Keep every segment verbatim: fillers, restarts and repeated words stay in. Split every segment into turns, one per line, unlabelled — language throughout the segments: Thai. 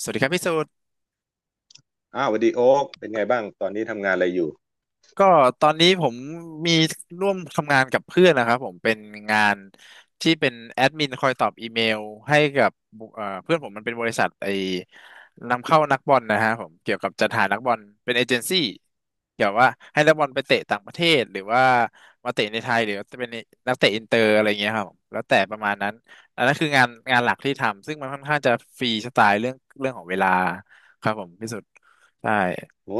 สวัสดีครับพี่สูตร
อ้าวสวัสดีโอ๊กเป็นไงบ้างตอนนี้ทำงานอะไรอยู่
ก็ตอนนี้ผมมีร่วมทำงานกับเพื่อนนะครับผมเป็นงานที่เป็นแอดมินคอยตอบอีเมลให้กับบุเอ่อเพื่อนผมมันเป็นบริษัทไอ้นำเข้านักบอลนะฮะผมเกี่ยวกับจัดหานักบอลเป็นเอเจนซี่เกี่ยวว่าให้นักบอลไปเตะต่างประเทศหรือว่ามาเตะในไทยหรือจะเป็นนักเตะอินเตอร์อะไรเงี้ยครับผมแล้วแต่ประมาณนั้นอันนั้นคืองานงานหลักที่ทำซึ่งมันค่อนข้างจะฟรีสไตล์เรื่องเรื่องของเวลาครับผมพี่สุดใช่
โอ้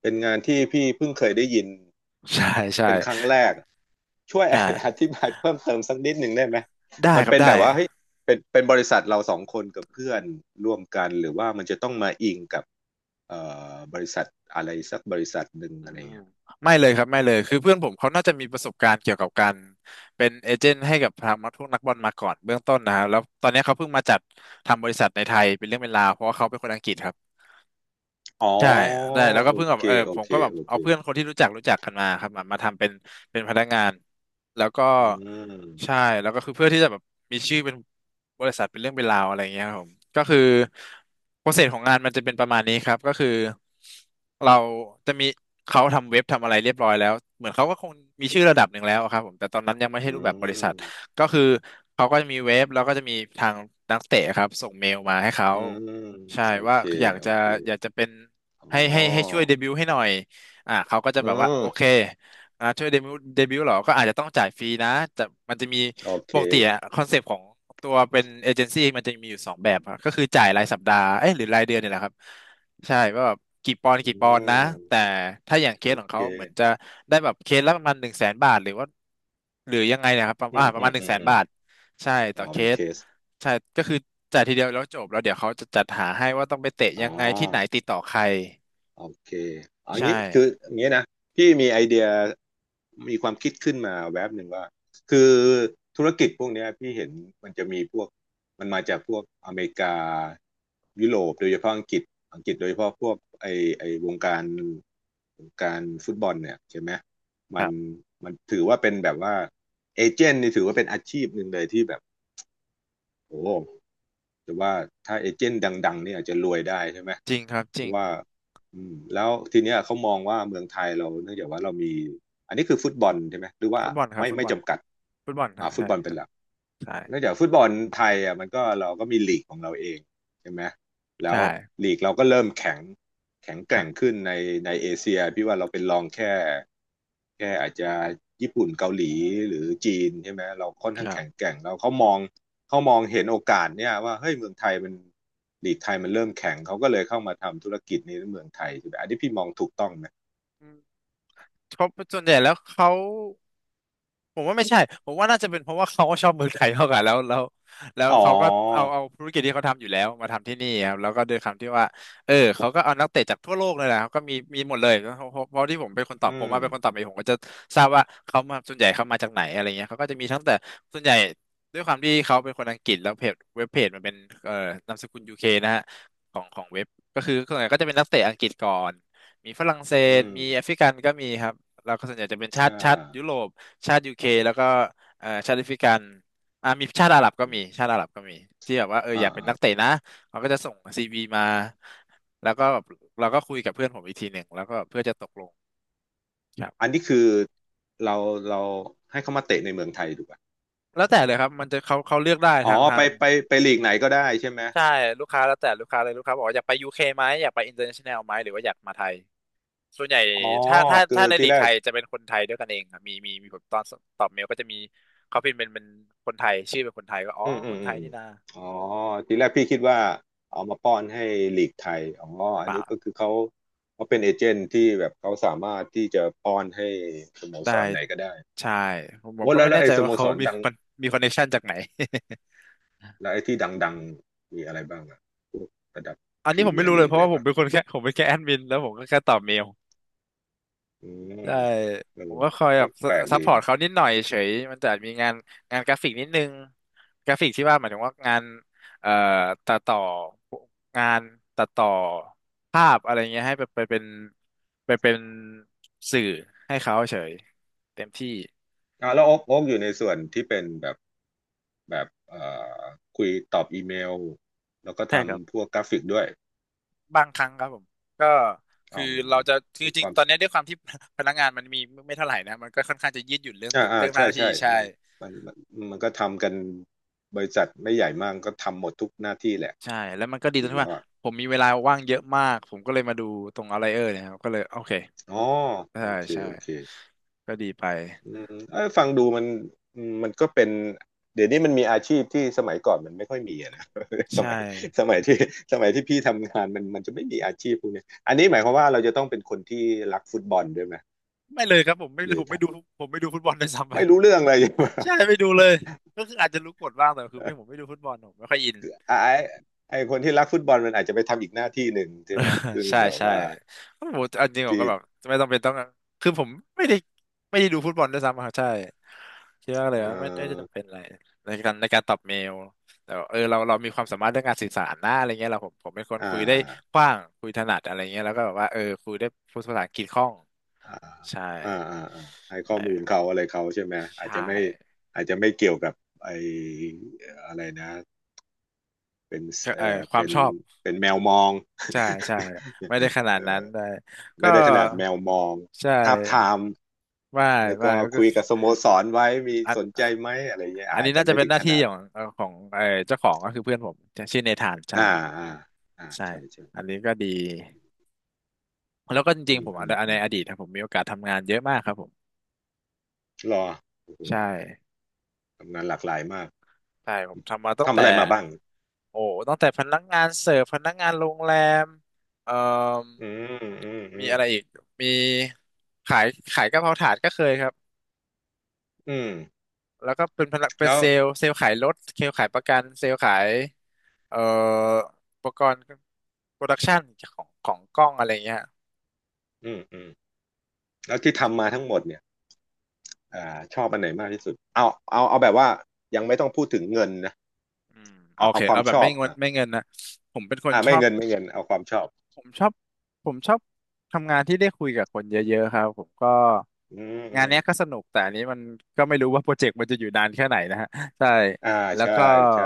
เป็นงานที่พี่เพิ่งเคยได้ยิน
ใช่ใช่
เป็นครั้งแรกช่วย อ
อ่า
ธิบายเพิ่มเติมสักนิดหนึ่งได้ไหม
ได้
มัน
ครับ
เป็นแบ
ได้
บว่าเฮ้ยเป็นเป็นบริษัทเราสองคนกับเพื่อนร่วมกันหรือว่ามันจะต้องมาอิงกับเอ่อบริษัทอะไรสักบริษัทหนึ่ง
อื
อะไร
ม
เงี้ย
ไม่เลยครับไม่เลยคือเพื่อนผมเขาน่าจะมีประสบการณ์เกี่ยวกับการเป็นเอเจนต์ให้กับทางพวกนักบอลมาก่อนเบื้องต้นนะครับแล้วตอนนี้เขาเพิ่งมาจัดทำบริษัทในไทยเป็นเรื่องเป็นราวเพราะว่าเขาเป็นคนอังกฤษครับ
อ๋อ
ใช่ได้แล้วก็
โอ
เพิ่งแบบ
เค
เออ
โอ
ผม
เค
ก็แบบ
โอเค
เอาเพื่อนคนที่รู้จักรู้จักกันมาครับมามาทำเป็นเป็นพนักงานแล้วก็
อื
ใช่
ม
แล้วก็คือเพื่อที่จะแบบมีชื่อเป็นบริษัทเป็นเรื่องเป็นราวอะไรอย่างเงี้ยครับผมก็คือโปรเซสของงานมันจะเป็นประมาณนี้ครับก็คือเราจะมีเขาทำเว็บทำอะไรเรียบร้อยแล้วเหมือนเขาก็คงมีชื่อระดับหนึ่งแล้วครับผมแต่ตอนนั้นยังไม่ใช่
อื
รูปแบบบริษั
ม
ทก็คือเขาก็จะมีเว็บแล้วก็จะมีทางนักเตะครับส่งเมลมาให้เขา
อืม
ใช่
โอ
ว่า
เค
อยาก
โอ
จะ
เค
อยากจะเป็น ให้ให้
อ๋อ
ให้ช่วยเดบิวต์ให้หน่อยอ่าเขาก็จะ
อื
แบบว่า
ม
โอเคอ่าช่วยเดบิวต์เดบิวต์เหรอ ก็อาจจะต้องจ่ายฟรีนะแต่มันจะมี
โอเค
ปกติอะคอนเซปต์ของตัวเป็นเอเจนซี่มันจะมีอยู่สองแบบอะก็คือจ่ายรายสัปดาห์เอ้ยหรือรายเดือนเนี่ยแหละครับใช่ว่าแบบกี่ปอนด์
อื
กี่ปอนด์นะ แต่
ม
ถ้าอย่างเค
โอ
สของ
เค
เขาเหมือนจะได้แบบเคสละประมาณหนึ่งแสนบาทหรือว่าหรือยังไงเนะครับประมาณ
อื
อ่า
ม
ประ
อื
มา
ม
ณหนึ่ง
อืม
แสน
อืม
บาท ใช่
อ๋
ต่อ
อ
เค
เป็นเค
ส
ส
ใช่ก็คือจ่ายทีเดียวแล้วจบแล้วเดี๋ยวเขาจะจัดหาให้ว่าต้องไปเตะ
อ๋
ยั
อ
งไงที่ไหนติดต่อใคร
โอเคเอา
ใช
งี้คือ
่
อย่างงี้นะพี่มีไอเดียมีความคิดขึ้นมาแวบหนึ่งว่าคือธุรกิจพวกเนี้ยพี่เห็นมันจะมีพวกมันมาจากพวกอเมริกายุโรปโดยเฉพาะอังกฤษอังกฤษโดยเฉพาะพวกไอไอวงการวงการฟุตบอลเนี่ยใช่ไหม
ค
มั
รั
น
บ
มันถือว่าเป็นแบบว่าเอเจนต์นี่ถือว่าเป็นอาชีพหนึ่งเลยที่แบบโอ้ แต่ว่าถ้าเอเจนต์ดังๆเนี่ยอาจจะรวยได้ใช่ไหม
จริงครับจ
เพ
ริ
ราะ
ง
ว่าอืมแล้วทีเนี้ยเขามองว่าเมืองไทยเราเนื่องจากว่าเรามีอันนี้คือฟุตบอลใช่ไหมหรือว่า
ฟุตบอลครับ
ไม่
ฟุต
ไม่
บอล
จำกัด
ฟุตบอล
อ่า
ฮะ
ฟุต
ใช่
บอล
ค
เป็น
รับ
หลัก
ใช่
เนื่องจากฟุตบอลไทยอ่ะมันก็เราก็มีลีกของเราเอง ใช่ไหมแล้ว
ใช่
ลีกเราก็เริ่มแข็งแข็งแก
ครั
ร่ง
บ
ขึ้นในในเอเชียพี่ว่าเราเป็นรองแค่แค่อาจจะญี่ปุ่นเกาหลีหรือจีนใช่ไหมเราค่อน
ค
ข้าง
รับ
แข็งแกร่งเราเขามองเขามองเห็นโอกาสเนี่ยว่าเฮ้ยเมืองไทยมันลีกไทยมันเริ่มแข็งเขาก็เลยเข้ามาทำธุรกิจนี้ในเมืองไทยใช่ไหมอันนี้พี่มองถูกต้องไหม
อืมเขาส่วนใหญ่แล้วเขา ผมว่าไม่ใช่ผมว่าน่าจะเป็นเพราะว่าเขาก็ชอบเมืองไทยเท่ากันแล้ว แล้วแล้ว
อ๋
เขาก็เอา
อ
เอาธุรกิจที่เขาทำอยู่แล้วมาทำที่นี่ครับแล้วก็ด้วยคำที่ว่าเออเขาก็เอานักเตะจากทั่วโลกเลยนะครับก็มีมีหมดเลยเพราะเพราะเพราะที่ผมเป็นคนตอ
อื
บผม
ม
มาเป็นคนตอบเองผมก็จะทราบว่าเขามาส่วนใหญ่เขามาจากไหนอะไรเงี้ยเขาก็จะมีทั้งแต่ส่วนใหญ่ด้วยความที่เขาเป็นคนอังกฤษแล้วเพจเว็บเพจมันเป็นเอ่อนามสกุลยูเคนะฮะของของเว็บก็คือส่วนใหญ่ก็จะเป็นนักเตะอังกฤษก่อนมีฝรั่งเศ
อื
ส
ม
มีแอฟริกันก็มีครับแล้วก็ส่วนใหญ่จะเป็นชา
อ่
ติชาติ
า
ยุโรป ชาติยูเคแล้วก็เอ่อชาติแอฟริกันอ่ามีชาติอาหรับก็มีชาติอาหรับก็มีที่แบบว่าเออ
อ่า
อยากเป็นนักเตะ
อา
นะเขาก็จะส่งซีวีมาแล้วก็แบบเราก็คุยกับเพื่อนผมอีกทีหนึ่งแล้วก็เพื่อจะตกลงครับ
อันนี้คือเราเราให้เขามาเตะในเมืองไทยถูกไหม
แล้วแต่เลยครับมันจะเขาเขาเลือกได้
อ๋อ
ทางทา
ไป
ง
ไปไปลีกไหนก็ได้ใช่ไหม
ใช่ลูกค้าแล้วแต่ลูกค้าเลยลูกค้าบอกว่าอยากไปยูเคไหมอยากไปอินเตอร์เนชั่นแนลไหมหรือว่าอยากมาไทยส่วนใหญ่
อ๋อ
ถ้าถ้า
คื
ถ้า
อ
ในลี
ที่
ก
แร
ไท
ก
ยจะเป็นคนไทยด้วยกันเองครับมีมีมีผมตอนตอบเมลก็จะมีเขาพิมพ์เป็นเป็นคนไทยชื่อเป็นคนไทยก็อ๋อ
อืมอื
ค
ม
นไท
อื
ย
ม
นี่นะ
อ๋อทีแรกพี่คิดว่าเอามาป้อนให้ลีกไทยอ๋ออั
เป
น
ล่า
นี้ก็คือเขาเขาเป็นเอเจนต์ที่แบบเขาสามารถที่จะป้อนให้สโม
ได้
สรไหนก็ได้
ใช่ผมผม
โอ้
ก็
แล้
ไม่
วแล้
แน่
วไอ้
ใจ
ส
ว่า
โม
เขา
สร
มี
ดัง
มันมีคอนเนคชันจากไหน
แล้วไอ้ที่ดังๆมีอะไรบ้างอะพวกระดับ
อัน
พ
นี้
รี
ผม
เมี
ไม่
ย
รู้
ร์
เล
ลี
ย
ก
เพราะ
เล
ว่า
ย
ผม
ปะ
เป็นคนแค่ ผมเป็นแค่แอดมินแล้วผมก็แค่ตอบเมล
อืมเ
ใช่
ออ
ผมก็คอยแบ
ก็
บ
แปลก
ซั
ดี
พพอร์ตเขา
เนาะ
นิดหน่อยเฉยมันจะมีงานงานกราฟิกนิดนึงกราฟิกที่ว่าหมายถึงว่างานเอ่อตัดต่องานตัดต่อภาพอะไรเงี้ยให้ไปไปเป็นไปเป็นสื่อให้เขาเฉยเต็มที่
อ่ะแล้วโอ๊กโอ๊กอยู่ในส่วนที่เป็นแบบ แบบเอ่อคุยตอบอีเมลแล้วก็
ใช่ครับ
ทำพวกกราฟิกด้วย
บางครั้งครับผมก็คือ
เอา
เราจะจริ
ค
ง
วาม
ๆตอนนี้ด้วยความที่ พนักงานมันมีไม่เท่าไหร่นะมันก็ค่อนข้างจะยืดหยุ่นเรื่อง
อ่าอ่า
เรื่องหน้า
ใช่
ที่
ใช่
ใช่
มันมันมันมันก็ทำกันบริษัทไม่ใหญ่มากก็ทำหมดทุกหน้าที่แหละ
ใช่แล้วมันก็ดี
จ
ตร
ริ
ง
ง
ที่
แล้ว
ว่า
อ่ะ
ผมมีเวลาว่างเยอะมากผมก็เลยมาดูตรงอะไรเออเนี่ยครับก็เลยโอเค
อ๋อ
ใช่
โอเค
ใช่
โอเค
ก็ดีไป
อืมเอ้ยฟังดูมันอืมมันก็เป็นเดี๋ยวนี้มันมีอาชีพที่สมัยก่อนมันไม่ค่อยมีอะนะ ส
ใช่
มัยสมัยที่สมัยที่พี่ทำงานมันมันจะไม่มีอาชีพพวกนี้อันนี้หมายความว่าเราจะต้องเป็นคนที่รักฟุตบอลด้วยไหม
ไม่เลยครับผมไม่
หรือ
ผมไม่ดูผมไม่ดูฟุตบอลด้วยซ้ำไป
ไม่รู้เรื่องเลย
ใช่ ไม่ดูเลยก็คืออาจจะรู้กฎบ้างแต่คือไม่ผมไม่ดูฟุตบอลผมไม่ค่อยอิน
ไอ้ไอ้คนที่รักฟุตบอลมันอาจจะไปทำอีกหน้าที่หนึ่งใช่ไหมซึ่ง
ใช่
แบบ
ใช่
ว่า
โอ้โหอันจริงผม
ที่
ก็แบบไม่ต้องเป็นต้องคือผมไม่ได้ไม่ได้ดูฟุตบอลด้วยซ้ำอะครับใช่คิดว่าเล
เอ
ยว่าไม่ไม่ได้
อ
จำเป็นอะไรในการในการตอบเมลแต่ว่าเออเราเรามีความสามารถเรื่องการสื่อสารนะอะไรเงี้ยเราผมผมเป็นคน
อ่า
คุยได้
อ่า
กว้างคุยถนัดอะไรเงี้ยแล้วก็แบบว่าเออคุยได้พูดภาษาอังกฤษคล่อง
อ่า
ใช่
อ่าอ่าอ่าให้ข้อมูล
ใช่
เขาอะไรเขาใช่ไหมอาจ
ใช่
จะไม่อาจจะไม่เกี่ยวกับไอ้อะไรนะเป็น
ก็
เอ
เออ
อ
ความ
เป็น
ชอบ
เป็นแมวมอง
ใช่ใช่ ไม่ได้ขนาด
เอ
นั้น
อ
ได้ก็
ไม่ได้ขนาดแมวมอง
ใช
ทาบทา
่
ม
ไม่
แล้ว
ไม่
ก็
ก็
คุย
คือ
กับสโมสรไว้มี
อ
สนใจ
่ะ
ไหมอะไรเงี้ย
อัน
อา
นี้
จจะ
น่าจะ
ไม่
เป็น
ถึ
ห
ง
น้า
ข
ที่
นาด
ของเอ่อของเออเจ้าของก็คือเพื่อนผมชื่อเนธานใช่
อ่าอ่าอ่า
ใช่
ใช่
อัน
ใช่
นี้ก็ดีแล้วก็จ
อื
ริง
ม
ๆผม
อืม
ใน
อื
ใน
ม
อดีตนะผมมีโอกาสทำงานเยอะมากครับผม
รอโอ้โห
ใช่
ทำงานหลากหลายมาก
ใช่ผมทำมาตั้ง
ทำ
แต่
อะไรมาบ้าง
โอ้ตั้งแต่พนักงานเสิร์ฟพนักงานโรงแรมเอ่อ
อืมอืมอื
มี
ม
อะไรอีกมีขายขายกะเพราถาดก็เคยครับ
อืม
แล้วก็เป็นพนักเป็น
แล้ว
เซลล์เซลล์ขายรถเซลล์ขายประกันเซลล์ขายเอ่ออุปกรณ์โปรดักชันของของกล้องอะไรเงี้ย
อืมอืมแล้วที่ทำมาทั้งหมดเนี่ยอ่าชอบอันไหนมากที่สุดเอาเอาเอาแบบว่ายังไม่ต้องพูดถึงเงินนะ
อืมโอ
เอา
เค
เอาควา
เอา
ม
แบ
ช
บ
อ
ไม่
บ
เงิน
อ่ะ
ไม่เงินนะผมเป็นคน
อ่า
ช
ไม่
อบ
เงินไม่เงินเอาความชอบ
ผมชอบผมชอบทำงานที่ได้คุยกับคนเยอะๆครับผมก็
อืมอื
งาน
ม
เนี้ยก็สนุกแต่อันนี้มันก็ไม่รู้ว่าโปรเจกต์มันจะอยู่นานแค่ไหนนะฮะ ใช่
อ่า
แล้ว
ใช่
ก็
ใช่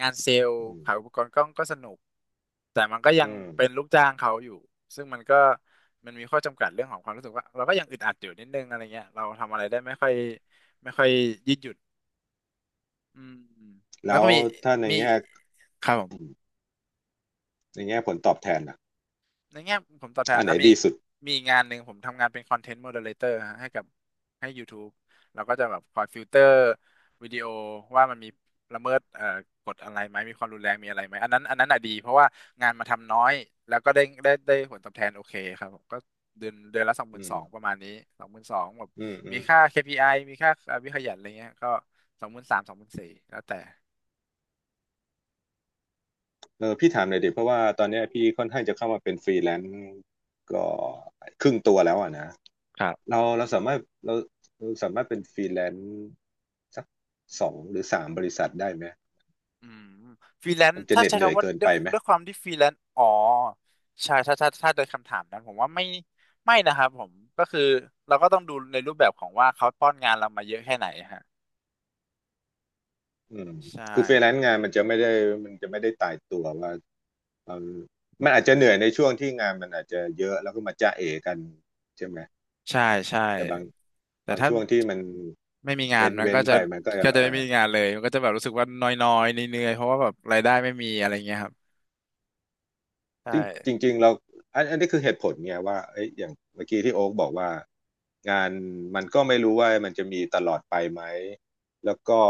งานเซลล์
อื
ขายอุ
ม
ปกรณ์กล้องก็สนุกแต่มันก็ยั
อื
ง
ม
เป็นลูกจ้างเขาอยู่ซึ่งมันก็มันมีข้อจำกัดเรื่องของความรู้สึกว่าเราก็ยังอึดอัดอยู่นิดนึงอะไรเงี้ยเราทำอะไรได้ไม่ค่อยไม่ค่อยยืดหยุ่นอืมแล้ว
แล้
ก็
ว
มี
ถ้าใน
มี
แง่
ครับผม
ในแง่ผลตอบแทนอ่ะ
ในแง่ผมตอบแทน
อันไหน
อ่ะมี
ดี
อีก
สุด
มีอีกงานหนึ่งผมทำงานเป็นคอนเทนต์โมเดเลเตอร์ให้กับให้ ยูทูบ เราก็จะแบบคอยฟิลเตอร์วิดีโอว่ามันมีละเมิดเอ่อกฎอะไรไหมมีความรุนแรงมีอะไรไหมอันนั้นอันนั้นอ่ะดีเพราะว่างานมาทำน้อยแล้วก็ได้ได้ได้ผลตอบแทนโอเคครับผมก็เดือนเดือนละสองห
อื
มื่นส
ม
องประมาณนี้สองหมื่นสองแบบ
อืมอื
มี
ม
ค่า เค พี ไอ มีค่าวิขยันอะไรเงี้ยก็สองหมื่นสามสองหมื่นสี่แล้วแต่
เออพี่ถามหน่อยดิเพราะว่าตอนเนี้ยพี่ค่อนข้างจะเข้ามาเป็นฟรีแลนซ์ก็ครึ่งตัวแล้วอ่ะนะ
ครับ
เราเราสามารถเราเราสามารถเป็นฟรีแลนซ์สักสองหรือสามบริษัทได้ไหม
อืมฟรีแลน
มัน
ซ์
จะ
ถ้า
เหน็ด
ใช้
เหนื่อย
คำว่า
เกิน
ด้ว
ไป
ย
ไหม
ด้วยความที่ฟรีแลนซ์อ๋อใช่ถ้าถ้าถ้าโดยคำถามนั้นผมว่าไม่ไม่นะครับผมก็คือเราก็ต้องดูในรูปแบบของว่าเขาป้อนงานเรามาเยอะแค่ไหนฮะ
อืม
ใช่
คือฟรีแลนซ์งานมันจะไม่ได้มันจะไม่ได้ตายตัวว่าเออมันอาจจะเหนื่อยในช่วงที่งานมันอาจจะเยอะแล้วก็มาจ้าเอกันใช่ไหม
ใช่ใช่
แต่บาง
แต่
บาง
ถ้า
ช่วงที่มัน
ไม่มีงาน
เว้น
มัน
เว้
ก็
น
จะ
ไปมันก็
ก็จะ
เอ
ไม่
อ
มีงานเลยมันก็จะแบบรู้สึกว่าน้อยๆเหนื่อยๆเพราะว่าแบบรายได้ไม่มีอะไรเงี้ยครับใช
จริง
่
จริงๆเราอันอันนี้คือเหตุผลไงว่าเอ้ยอย่างเมื่อกี้ที่โอ๊กบอกว่างานมันก็ไม่รู้ว่ามันจะมีตลอดไปไหมแล้วก็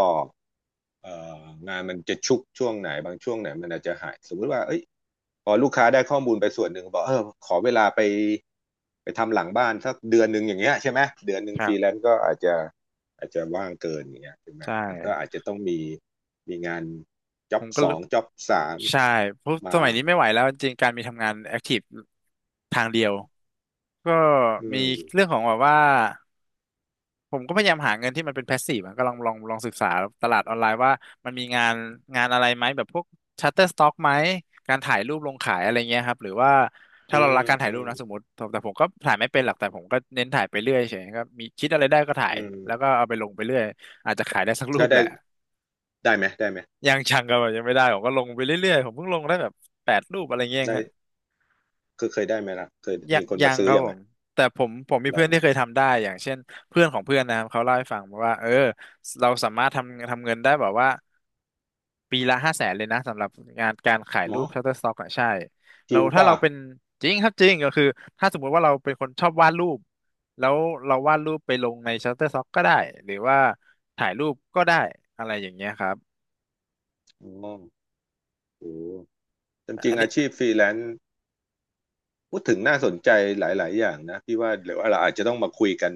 เอ่องานมันจะชุกช่วงไหนบางช่วงไหนมันอาจจะหายสมมุติว่าเอ้ยพอลูกค้าได้ข้อมูลไปส่วนหนึ่งบอกเออขอเวลาไปไปทำหลังบ้านสักเดือนหนึ่งอย่างเงี้ยใช่ไหมเดือนหนึ่ง
ค
ฟ
รั
รีแล
บ
นซ์ก็อาจจะอาจจะว่างเกินอย่างเงี้ยใช่ไหม
ใช่
มันก็อาจจะต้องมีมีงานจ็
ผ
อบ
มก็
ส
เล
อ
ย
งจ็อบสาม
ใช่เพราะส
มา
มัยนี้ไม่ไหวแล้วจริงๆการมีทำงานแอคทีฟทางเดียว ก็
อื
มี
ม
เรื่องของแบบว่าผมก็พยายามหาเงินที่มันเป็นแพสซีฟอะก็ลองลองลองศึกษาตลาดออนไลน์ว่ามันมีงานงานอะไรไหมแบบพวกชัตเตอร์สต็อกไหมการถ่ายรูปลงขายอะไรเงี้ยครับหรือว่าถ้า
อื
เรา
ม
รักการถ่า
อื
ยรูป
ม
นะสมมติแต่แต่ผมก็ถ่ายไม่เป็นหรอกแต่ผมก็เน้นถ่ายไปเรื่อยเฉยก็มีคิดอะไรได้ก็ถ่าย
อืม
แล้วก็เอาไปลงไปเรื่อยอาจจะขายได้สักรู
แล้
ป
ว
แห
ได้
ละ
ได้ไหมได้ไหม
ยังชังก็แบบยังไม่ได้ผมก็ลงไปเรื่อยๆผมเพิ่งลงได้แบบแปดรูปอะไรเงี้ย
ได้
ฮะ
คือเคยได้ไหมล่ะเคย
ยั
มี
ง
คน
ยั
มา
ง
ซื้
ค
อ
รับ
ยัง
ผ
ไง
มแต่ผมผมมี
ลอ
เพื่อ
ง
นที่เคยทำได้อย่างเช่นเพื่อนของเพื่อนนะครับเขาเล่าให้ฟังว่าเออเราสามารถทำทำเงินได้แบบว่าปีละห้าแสนเลยนะสำหรับงานการขาย
หม
รู
อ
ป Shutterstock อะใช่
จ
เรา
ริง
ถ้า
ป่ะ
เราเป็นจริงครับจริงก็คือถ้าสมมุติว่าเราเป็นคนชอบวาดรูปแล้วเราวาดรูปไปลงใน Shutterstock ก็ได้หรือว่าถ่ายรูปก็ได้อะไรอย่างเงี้ยครับ
อ๋อโอ้จริงๆอาชีพฟรีแลนซ์พูดถึงน่าสนใจหลายๆอย่างนะพี่ว่าเดี๋ยวเราอาจจะต้องมาคุยกัน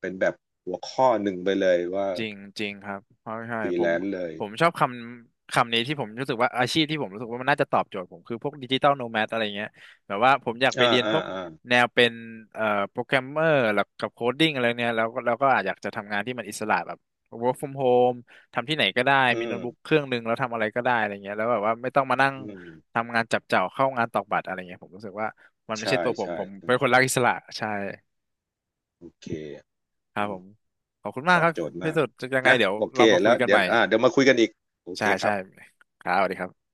เป็นแบบหัวข้อหนึ่งไปเลยว่า
จริงจริงครับเพราะใช่
ฟรี
ผ
แล
ม
นซ์เลย
ผมชอบคำคำนี้ที่ผมรู้สึกว่าอาชีพที่ผมรู้สึกว่ามันน่าจะตอบโจทย์ผมคือพวกดิจิตอลโนแมดอะไรเงี้ยแบบว่าผมอยากไป
อ่า
เรียน
อ่า
พวก
อ่า
แนวเป็นเอ่อโปรแกรมเมอร์แล้วกับโคดดิ้งอะไรเนี้ยแล้วก็แล้วก็อาจอยากจะทำงานที่มันอิสระแบบ เวิร์ก ฟรอม โฮม ทำที่ไหนก็ได้
อื
มีโน้ตบุ๊กเค
ม
รื่องหนึ่งแล้วทำอะไรก็ได้อะไรเงี้ยแล้วแบบว่าไม่ต้องมานั่ง
อืม
ทำงานจับเจ่าเข้างานตอกบัตรอะไรเงี้ยผมรู้สึกว่ามันไม่ใช่
ใช่
ตัวผม
ใช่
ผม
ใช่
เป็นคนรักอิสระใช่
โอเค
ครั
อื
บผ
ม
มขอบคุณมา
ต
ก
อ
ค
บ
รับ
โจทย์
พี่
มาก
สุดยังไง
นะ
เดี๋ยว
โอเค
เรามาคุ
แล้
ย
ว
กัน
เดี๋
ให
ยว
ม่
อ่าเดี๋ยวมาคุยกันอีกโอเค
ใช่
ค
ใช่
รับ
ครับสวัสดีครับ